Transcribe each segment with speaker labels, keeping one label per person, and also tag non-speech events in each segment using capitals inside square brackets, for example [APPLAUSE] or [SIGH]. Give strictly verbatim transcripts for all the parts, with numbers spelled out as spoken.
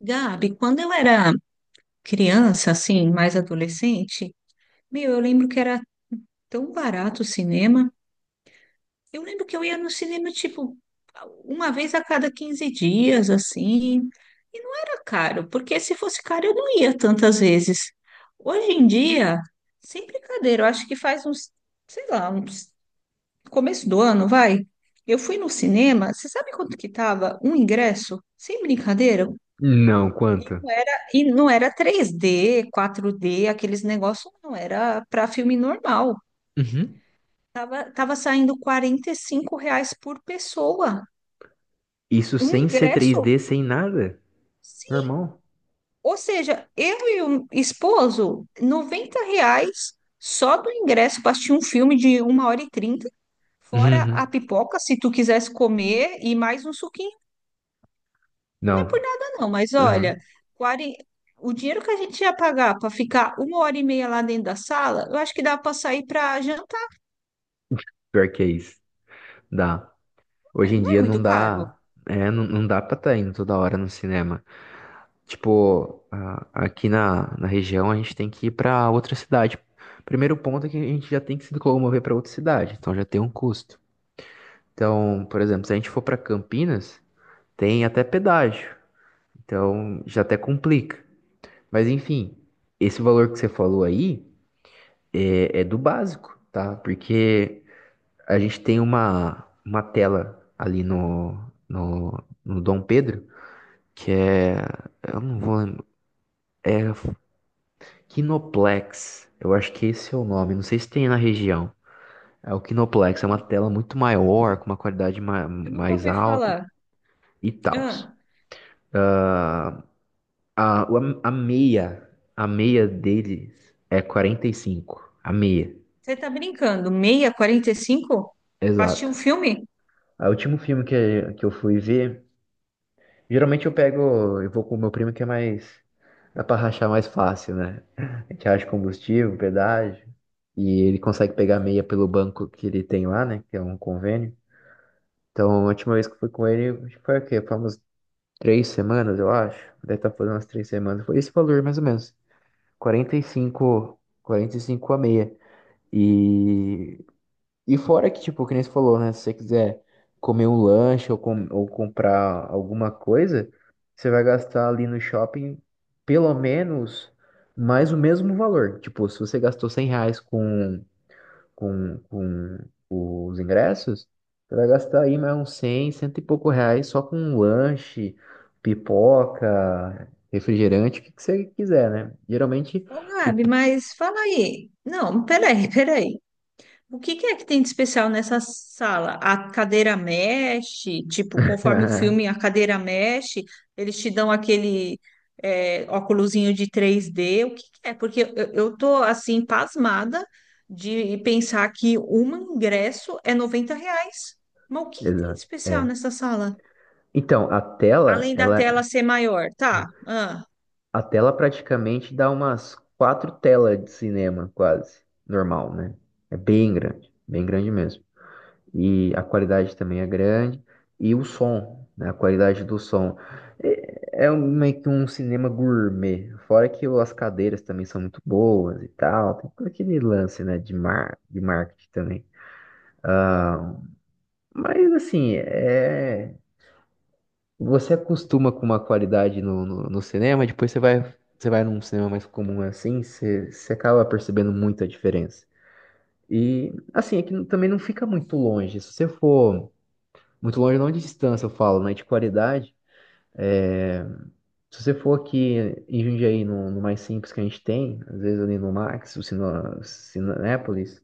Speaker 1: Gabi, quando eu era criança, assim, mais adolescente, meu, eu lembro que era tão barato o cinema. Eu lembro que eu ia no cinema, tipo, uma vez a cada quinze dias, assim, e não era caro, porque se fosse caro eu não ia tantas vezes. Hoje em dia, sem brincadeira, eu acho que faz uns, sei lá, uns começo do ano, vai. Eu fui no cinema, você sabe quanto que tava um ingresso? Sem brincadeira,
Speaker 2: Não,
Speaker 1: E
Speaker 2: quanto?
Speaker 1: não era, e não era três dê, quatro dê, aqueles negócios, não, era para filme normal.
Speaker 2: Uhum.
Speaker 1: Tava, tava saindo quarenta e cinco reais por pessoa,
Speaker 2: Isso
Speaker 1: um
Speaker 2: sem ser
Speaker 1: ingresso.
Speaker 2: três D, sem nada?
Speaker 1: Sim.
Speaker 2: Normal.
Speaker 1: Ou seja, eu e o esposo, noventa reais só do ingresso para assistir um filme de uma hora e trinta, fora a
Speaker 2: Uhum.
Speaker 1: pipoca, se tu quisesse comer, e mais um suquinho. Não é por
Speaker 2: Não.
Speaker 1: nada, não, mas olha,
Speaker 2: Uhum.
Speaker 1: quarenta, o dinheiro que a gente ia pagar para ficar uma hora e meia lá dentro da sala, eu acho que dá para sair para jantar.
Speaker 2: Pior que é isso. Dá. Hoje em
Speaker 1: Não é
Speaker 2: dia não
Speaker 1: muito caro.
Speaker 2: dá. É, não, não dá pra estar indo toda hora no cinema. Tipo, a- aqui na, na região a gente tem que ir pra outra cidade. Primeiro ponto é que a gente já tem que se locomover pra outra cidade, então já tem um custo. Então, por exemplo, se a gente for pra Campinas, tem até pedágio. Então já até complica. Mas enfim, esse valor que você falou aí é, é do básico, tá? Porque a gente tem uma, uma tela ali no, no, no Dom Pedro, que é. Eu não vou lembrar. É Kinoplex. Eu acho que esse é o nome. Não sei se tem na região. É o Kinoplex, é uma tela muito maior, com uma qualidade ma-
Speaker 1: Eu nunca
Speaker 2: mais
Speaker 1: ouvi
Speaker 2: alta
Speaker 1: falar.
Speaker 2: e tal.
Speaker 1: Ah,
Speaker 2: Ah, a, o- a meia, a meia deles é quarenta e cinco. A meia,
Speaker 1: você tá brincando? Meia, quarenta e cinco? Pra assistir um
Speaker 2: exato.
Speaker 1: filme?
Speaker 2: Ah, o último filme que, que eu fui ver, geralmente eu pego, eu vou com o meu primo que é mais, dá pra rachar mais fácil, né? A gente racha combustível, pedágio, e ele consegue pegar meia pelo banco que ele tem lá, né? Que é um convênio. Então, a última vez que eu fui com ele, acho que foi o quê? Foi umas três semanas, eu acho. Deve estar fazendo umas três semanas. Foi esse valor, mais ou menos. quarenta quarenta e cinco, quarenta e cinco a meia. E E fora que, tipo, que nem você falou, né? Se você quiser comer um lanche ou, com, ou comprar alguma coisa, você vai gastar ali no shopping pelo menos mais o mesmo valor. Tipo, se você gastou cem reais com, com, com os ingressos, você vai gastar aí mais uns cem, cento e pouco reais só com um lanche, pipoca, refrigerante, o que que você quiser, né? Geralmente,
Speaker 1: Ô,
Speaker 2: o...
Speaker 1: Gabi, mas fala aí. Não, peraí, peraí. O que que é que tem de especial nessa sala? A cadeira mexe, tipo, conforme o filme, a
Speaker 2: [LAUGHS]
Speaker 1: cadeira mexe, eles te dão aquele é, óculosinho de três d. O que que é? Porque eu, eu tô assim, pasmada de pensar que um ingresso é noventa reais. Mas o que que tem de
Speaker 2: Exato.
Speaker 1: especial
Speaker 2: É.
Speaker 1: nessa sala?
Speaker 2: Então, a tela,
Speaker 1: Além da tela
Speaker 2: ela.
Speaker 1: ser maior, tá? Ah,
Speaker 2: A tela praticamente dá umas quatro telas de cinema, quase. Normal, né? É bem grande, bem grande mesmo. E a qualidade também é grande. E o som, né? A qualidade do som. É, é um- meio que um cinema gourmet. Fora que o as cadeiras também são muito boas e tal. Tem todo aquele lance, né? De mar, de marketing também. Ah, mas assim, é. Você acostuma com uma qualidade no, no, no cinema, depois você vai, você vai num cinema mais comum assim, você, você acaba percebendo muito a diferença. E assim, é que não- também não fica muito longe. Se você for muito longe, não de distância eu falo, né? De qualidade. É, se você for aqui em Jundiaí, no, no mais simples que a gente tem, às vezes ali no Max, o Cine- Cinépolis,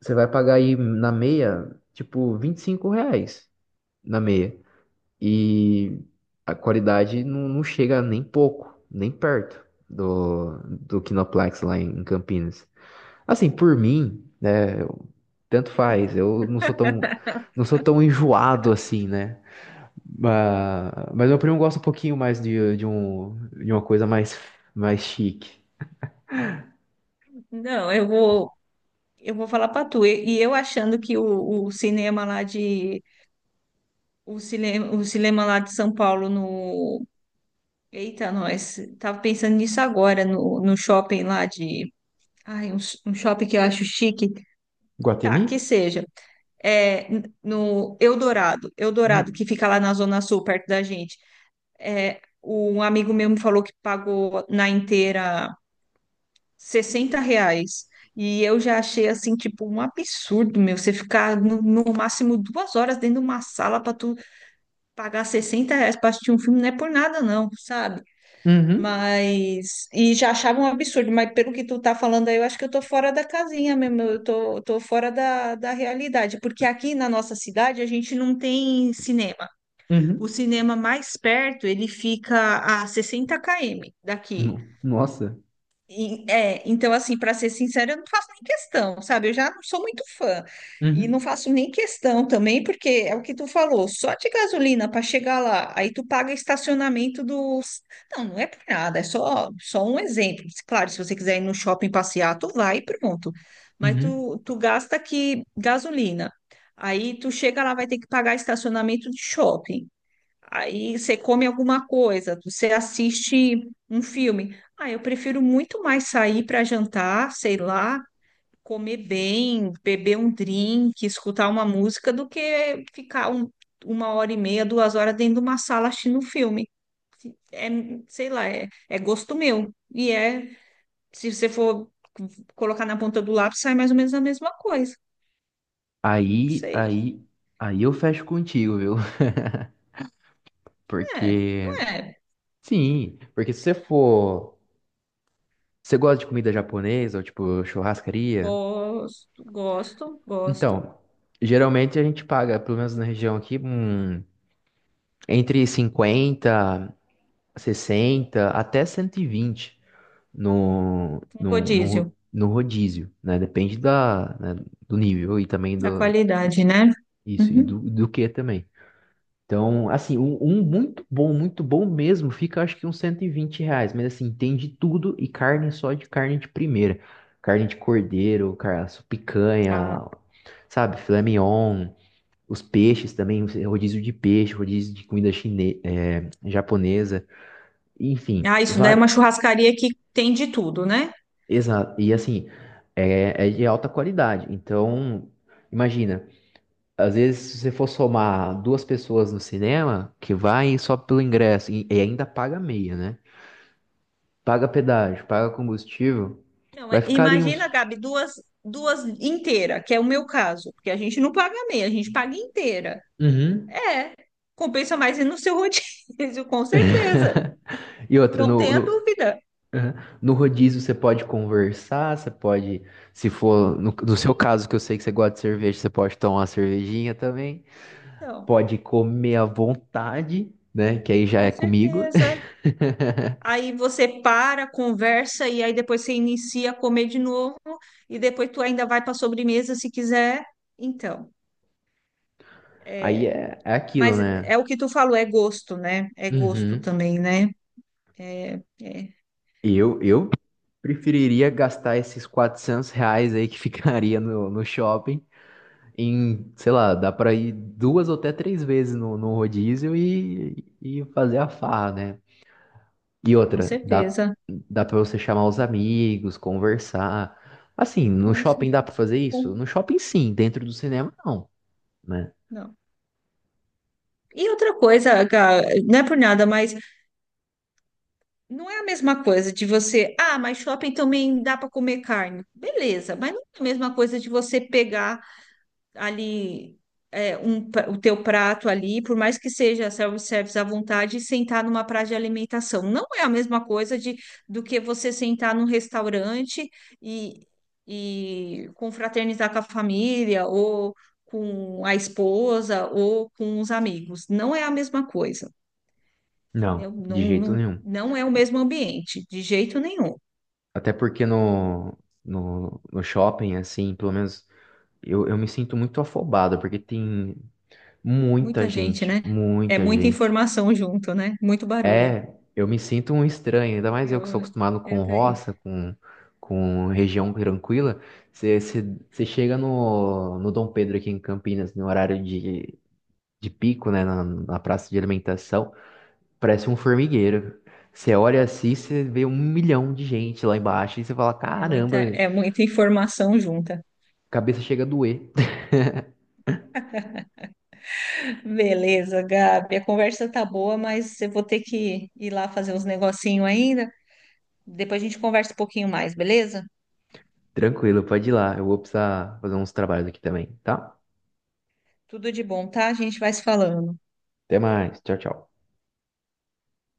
Speaker 2: você vai pagar aí na meia, tipo, vinte e cinco reais na meia. E a qualidade não, não chega nem pouco, nem perto do, do Kinoplex lá em Campinas. Assim, por mim, né, eu- tanto faz, eu não sou tão, não sou tão enjoado assim, né? Mas, mas meu primo gosta um pouquinho mais de, de, um, de uma coisa mais, mais chique.
Speaker 1: não, eu vou, eu vou falar pra tu. E, e eu achando que o, o cinema lá de o cinema, o cinema lá de São Paulo no. Eita, nós. Tava pensando nisso agora, no, no shopping lá de. Ai, um, s- um shopping que eu acho chique. Tá, que
Speaker 2: Guatemi?
Speaker 1: seja. É, n- no Eldorado, Eldorado,
Speaker 2: Hum.
Speaker 1: que fica lá na Zona Sul, perto da gente. É, um amigo meu me falou que pagou na inteira sessenta reais. E eu já achei assim, tipo, um absurdo, meu, você ficar no, no máximo duas horas dentro de uma sala para tu pagar sessenta reais para assistir um filme, não é por nada, não, sabe?
Speaker 2: Uhum.
Speaker 1: Mas. E já achava um absurdo, mas pelo que tu tá falando aí, eu acho que eu tô fora da casinha mesmo, eu tô, tô fora da, da realidade, porque aqui na nossa cidade a gente não tem cinema. O
Speaker 2: Uhum.
Speaker 1: cinema mais perto, ele fica a sessenta km daqui.
Speaker 2: No- Nossa.
Speaker 1: E, é, então, assim, para ser sincera, eu não faço nem questão, sabe? Eu já não sou muito fã e não
Speaker 2: Uhum.
Speaker 1: faço nem questão também, porque é o que tu falou, só de gasolina para chegar lá, aí tu paga estacionamento dos. Não, não é por nada, é só, só um exemplo. Claro, se você quiser ir no shopping passear, tu vai e pronto. Mas
Speaker 2: Uhum.
Speaker 1: tu, tu gasta aqui gasolina, aí tu chega lá, vai ter que pagar estacionamento de shopping. Aí você come alguma coisa, você assiste um filme. Ah, eu prefiro muito mais sair para jantar, sei lá, comer bem, beber um drink, escutar uma música, do que ficar um- uma hora e meia, duas horas dentro de uma sala assistindo um filme. É, sei lá, é, é gosto meu. E é, se você for colocar na ponta do lápis, sai mais ou menos a mesma coisa. Não
Speaker 2: Aí,
Speaker 1: sei.
Speaker 2: aí, aí eu fecho contigo, viu? [LAUGHS]
Speaker 1: É,
Speaker 2: Porque
Speaker 1: não é.
Speaker 2: sim, porque se você for. Você gosta de comida japonesa ou tipo churrascaria?
Speaker 1: Gosto, gosto, gosto.
Speaker 2: Então, geralmente a gente paga, pelo menos na região aqui, um, entre cinquenta, sessenta até cento e vinte no,
Speaker 1: Um
Speaker 2: no, no,
Speaker 1: rodízio.
Speaker 2: ro- no rodízio, né? Depende da, né, do nível e também
Speaker 1: Da
Speaker 2: do.
Speaker 1: qualidade, né?
Speaker 2: Isso, e
Speaker 1: Uhum.
Speaker 2: do, do que também. Então, assim, um, um muito bom, muito bom mesmo, fica acho que uns cento e vinte reais, mas assim, tem de tudo e carne só de carne de primeira. Carne de cordeiro, cara, picanha,
Speaker 1: Tá.
Speaker 2: sabe, filé mignon, os peixes também, rodízio de peixe, rodízio de comida chine é, japonesa, enfim,
Speaker 1: Ah, isso daí é uma
Speaker 2: var...
Speaker 1: churrascaria que tem de tudo, né?
Speaker 2: exato, e assim, é, é de alta qualidade. Então, imagina, às vezes, se você for somar duas pessoas no cinema, que vai só pelo ingresso e, e ainda paga meia, né? Paga pedágio, paga combustível,
Speaker 1: Não,
Speaker 2: vai
Speaker 1: é-
Speaker 2: ficar ali
Speaker 1: imagina,
Speaker 2: uns.
Speaker 1: Gabi, duas, duas inteira, que é o meu caso, porque a gente não paga meia, a gente paga inteira.
Speaker 2: Uhum.
Speaker 1: É, compensa mais ir no seu [LAUGHS] rodízio, com certeza.
Speaker 2: [LAUGHS] E outra,
Speaker 1: Não
Speaker 2: no,
Speaker 1: tenha
Speaker 2: no,
Speaker 1: dúvida.
Speaker 2: Uhum. no rodízio você pode conversar, você pode, se for, no, no seu caso, que eu sei que você gosta de cerveja, você pode tomar uma cervejinha também,
Speaker 1: Então,
Speaker 2: pode comer à vontade, né? Que aí já
Speaker 1: com
Speaker 2: é comigo.
Speaker 1: certeza.
Speaker 2: [LAUGHS]
Speaker 1: Aí você para, conversa e aí depois você inicia a comer de novo e depois tu ainda vai para sobremesa se quiser. Então.
Speaker 2: Aí
Speaker 1: é,
Speaker 2: é, é aquilo,
Speaker 1: Mas
Speaker 2: né?
Speaker 1: é o que tu falou, é gosto, né? É gosto
Speaker 2: Uhum.
Speaker 1: também, né? É, é,
Speaker 2: Eu, eu preferiria gastar esses quatrocentos reais aí que [LAUGHS] ficaria no, no shopping em, sei lá, dá pra ir duas ou até três vezes no, no rodízio e, e fazer a farra, né? E
Speaker 1: com
Speaker 2: outra, dá,
Speaker 1: certeza.
Speaker 2: dá pra você chamar os amigos, conversar. Assim, no
Speaker 1: Com
Speaker 2: shopping dá
Speaker 1: certeza.
Speaker 2: pra fazer isso?
Speaker 1: Bom.
Speaker 2: No shopping sim, dentro do cinema não, né?
Speaker 1: Não. E outra coisa, Gá, não é por nada, mas não é a mesma coisa de você, ah, mas shopping também dá para comer carne. Beleza, mas não é a mesma coisa de você pegar ali é, um pra- o teu prato ali, por mais que seja self-service à vontade, e sentar numa praia de alimentação. Não é a mesma coisa de, do que você sentar num restaurante e, e confraternizar com a família, ou com a esposa, ou com os amigos. Não é a mesma coisa,
Speaker 2: Não,
Speaker 1: entendeu? Não,
Speaker 2: de jeito
Speaker 1: não,
Speaker 2: nenhum.
Speaker 1: não é o mesmo ambiente, de jeito nenhum.
Speaker 2: Até porque no, no, no shopping, assim, pelo menos eu, eu me sinto muito afobado, porque tem muita
Speaker 1: Muita gente,
Speaker 2: gente,
Speaker 1: né? É
Speaker 2: muita
Speaker 1: muita
Speaker 2: gente.
Speaker 1: informação junto, né? Muito barulho.
Speaker 2: É, eu me sinto um estranho, ainda mais eu que sou
Speaker 1: Eu,
Speaker 2: acostumado com
Speaker 1: eu tô aí.
Speaker 2: roça, com, com região tranquila. Você chega no, no Dom Pedro aqui em Campinas, no horário de, de pico, né, na, na praça de alimentação, parece um formigueiro. Você olha assim, você vê um milhão de gente lá embaixo e você fala:
Speaker 1: É muita,
Speaker 2: caramba,
Speaker 1: é muita informação junta.
Speaker 2: cabeça chega a doer. [LAUGHS]
Speaker 1: Beleza, Gabi. A conversa tá boa, mas eu vou ter que ir lá fazer uns negocinho ainda. Depois a gente conversa um pouquinho mais, beleza?
Speaker 2: Tranquilo, pode ir lá, eu vou precisar fazer uns trabalhos aqui também, tá?
Speaker 1: Tudo de bom, tá? A gente vai se falando.
Speaker 2: Até mais, tchau, tchau.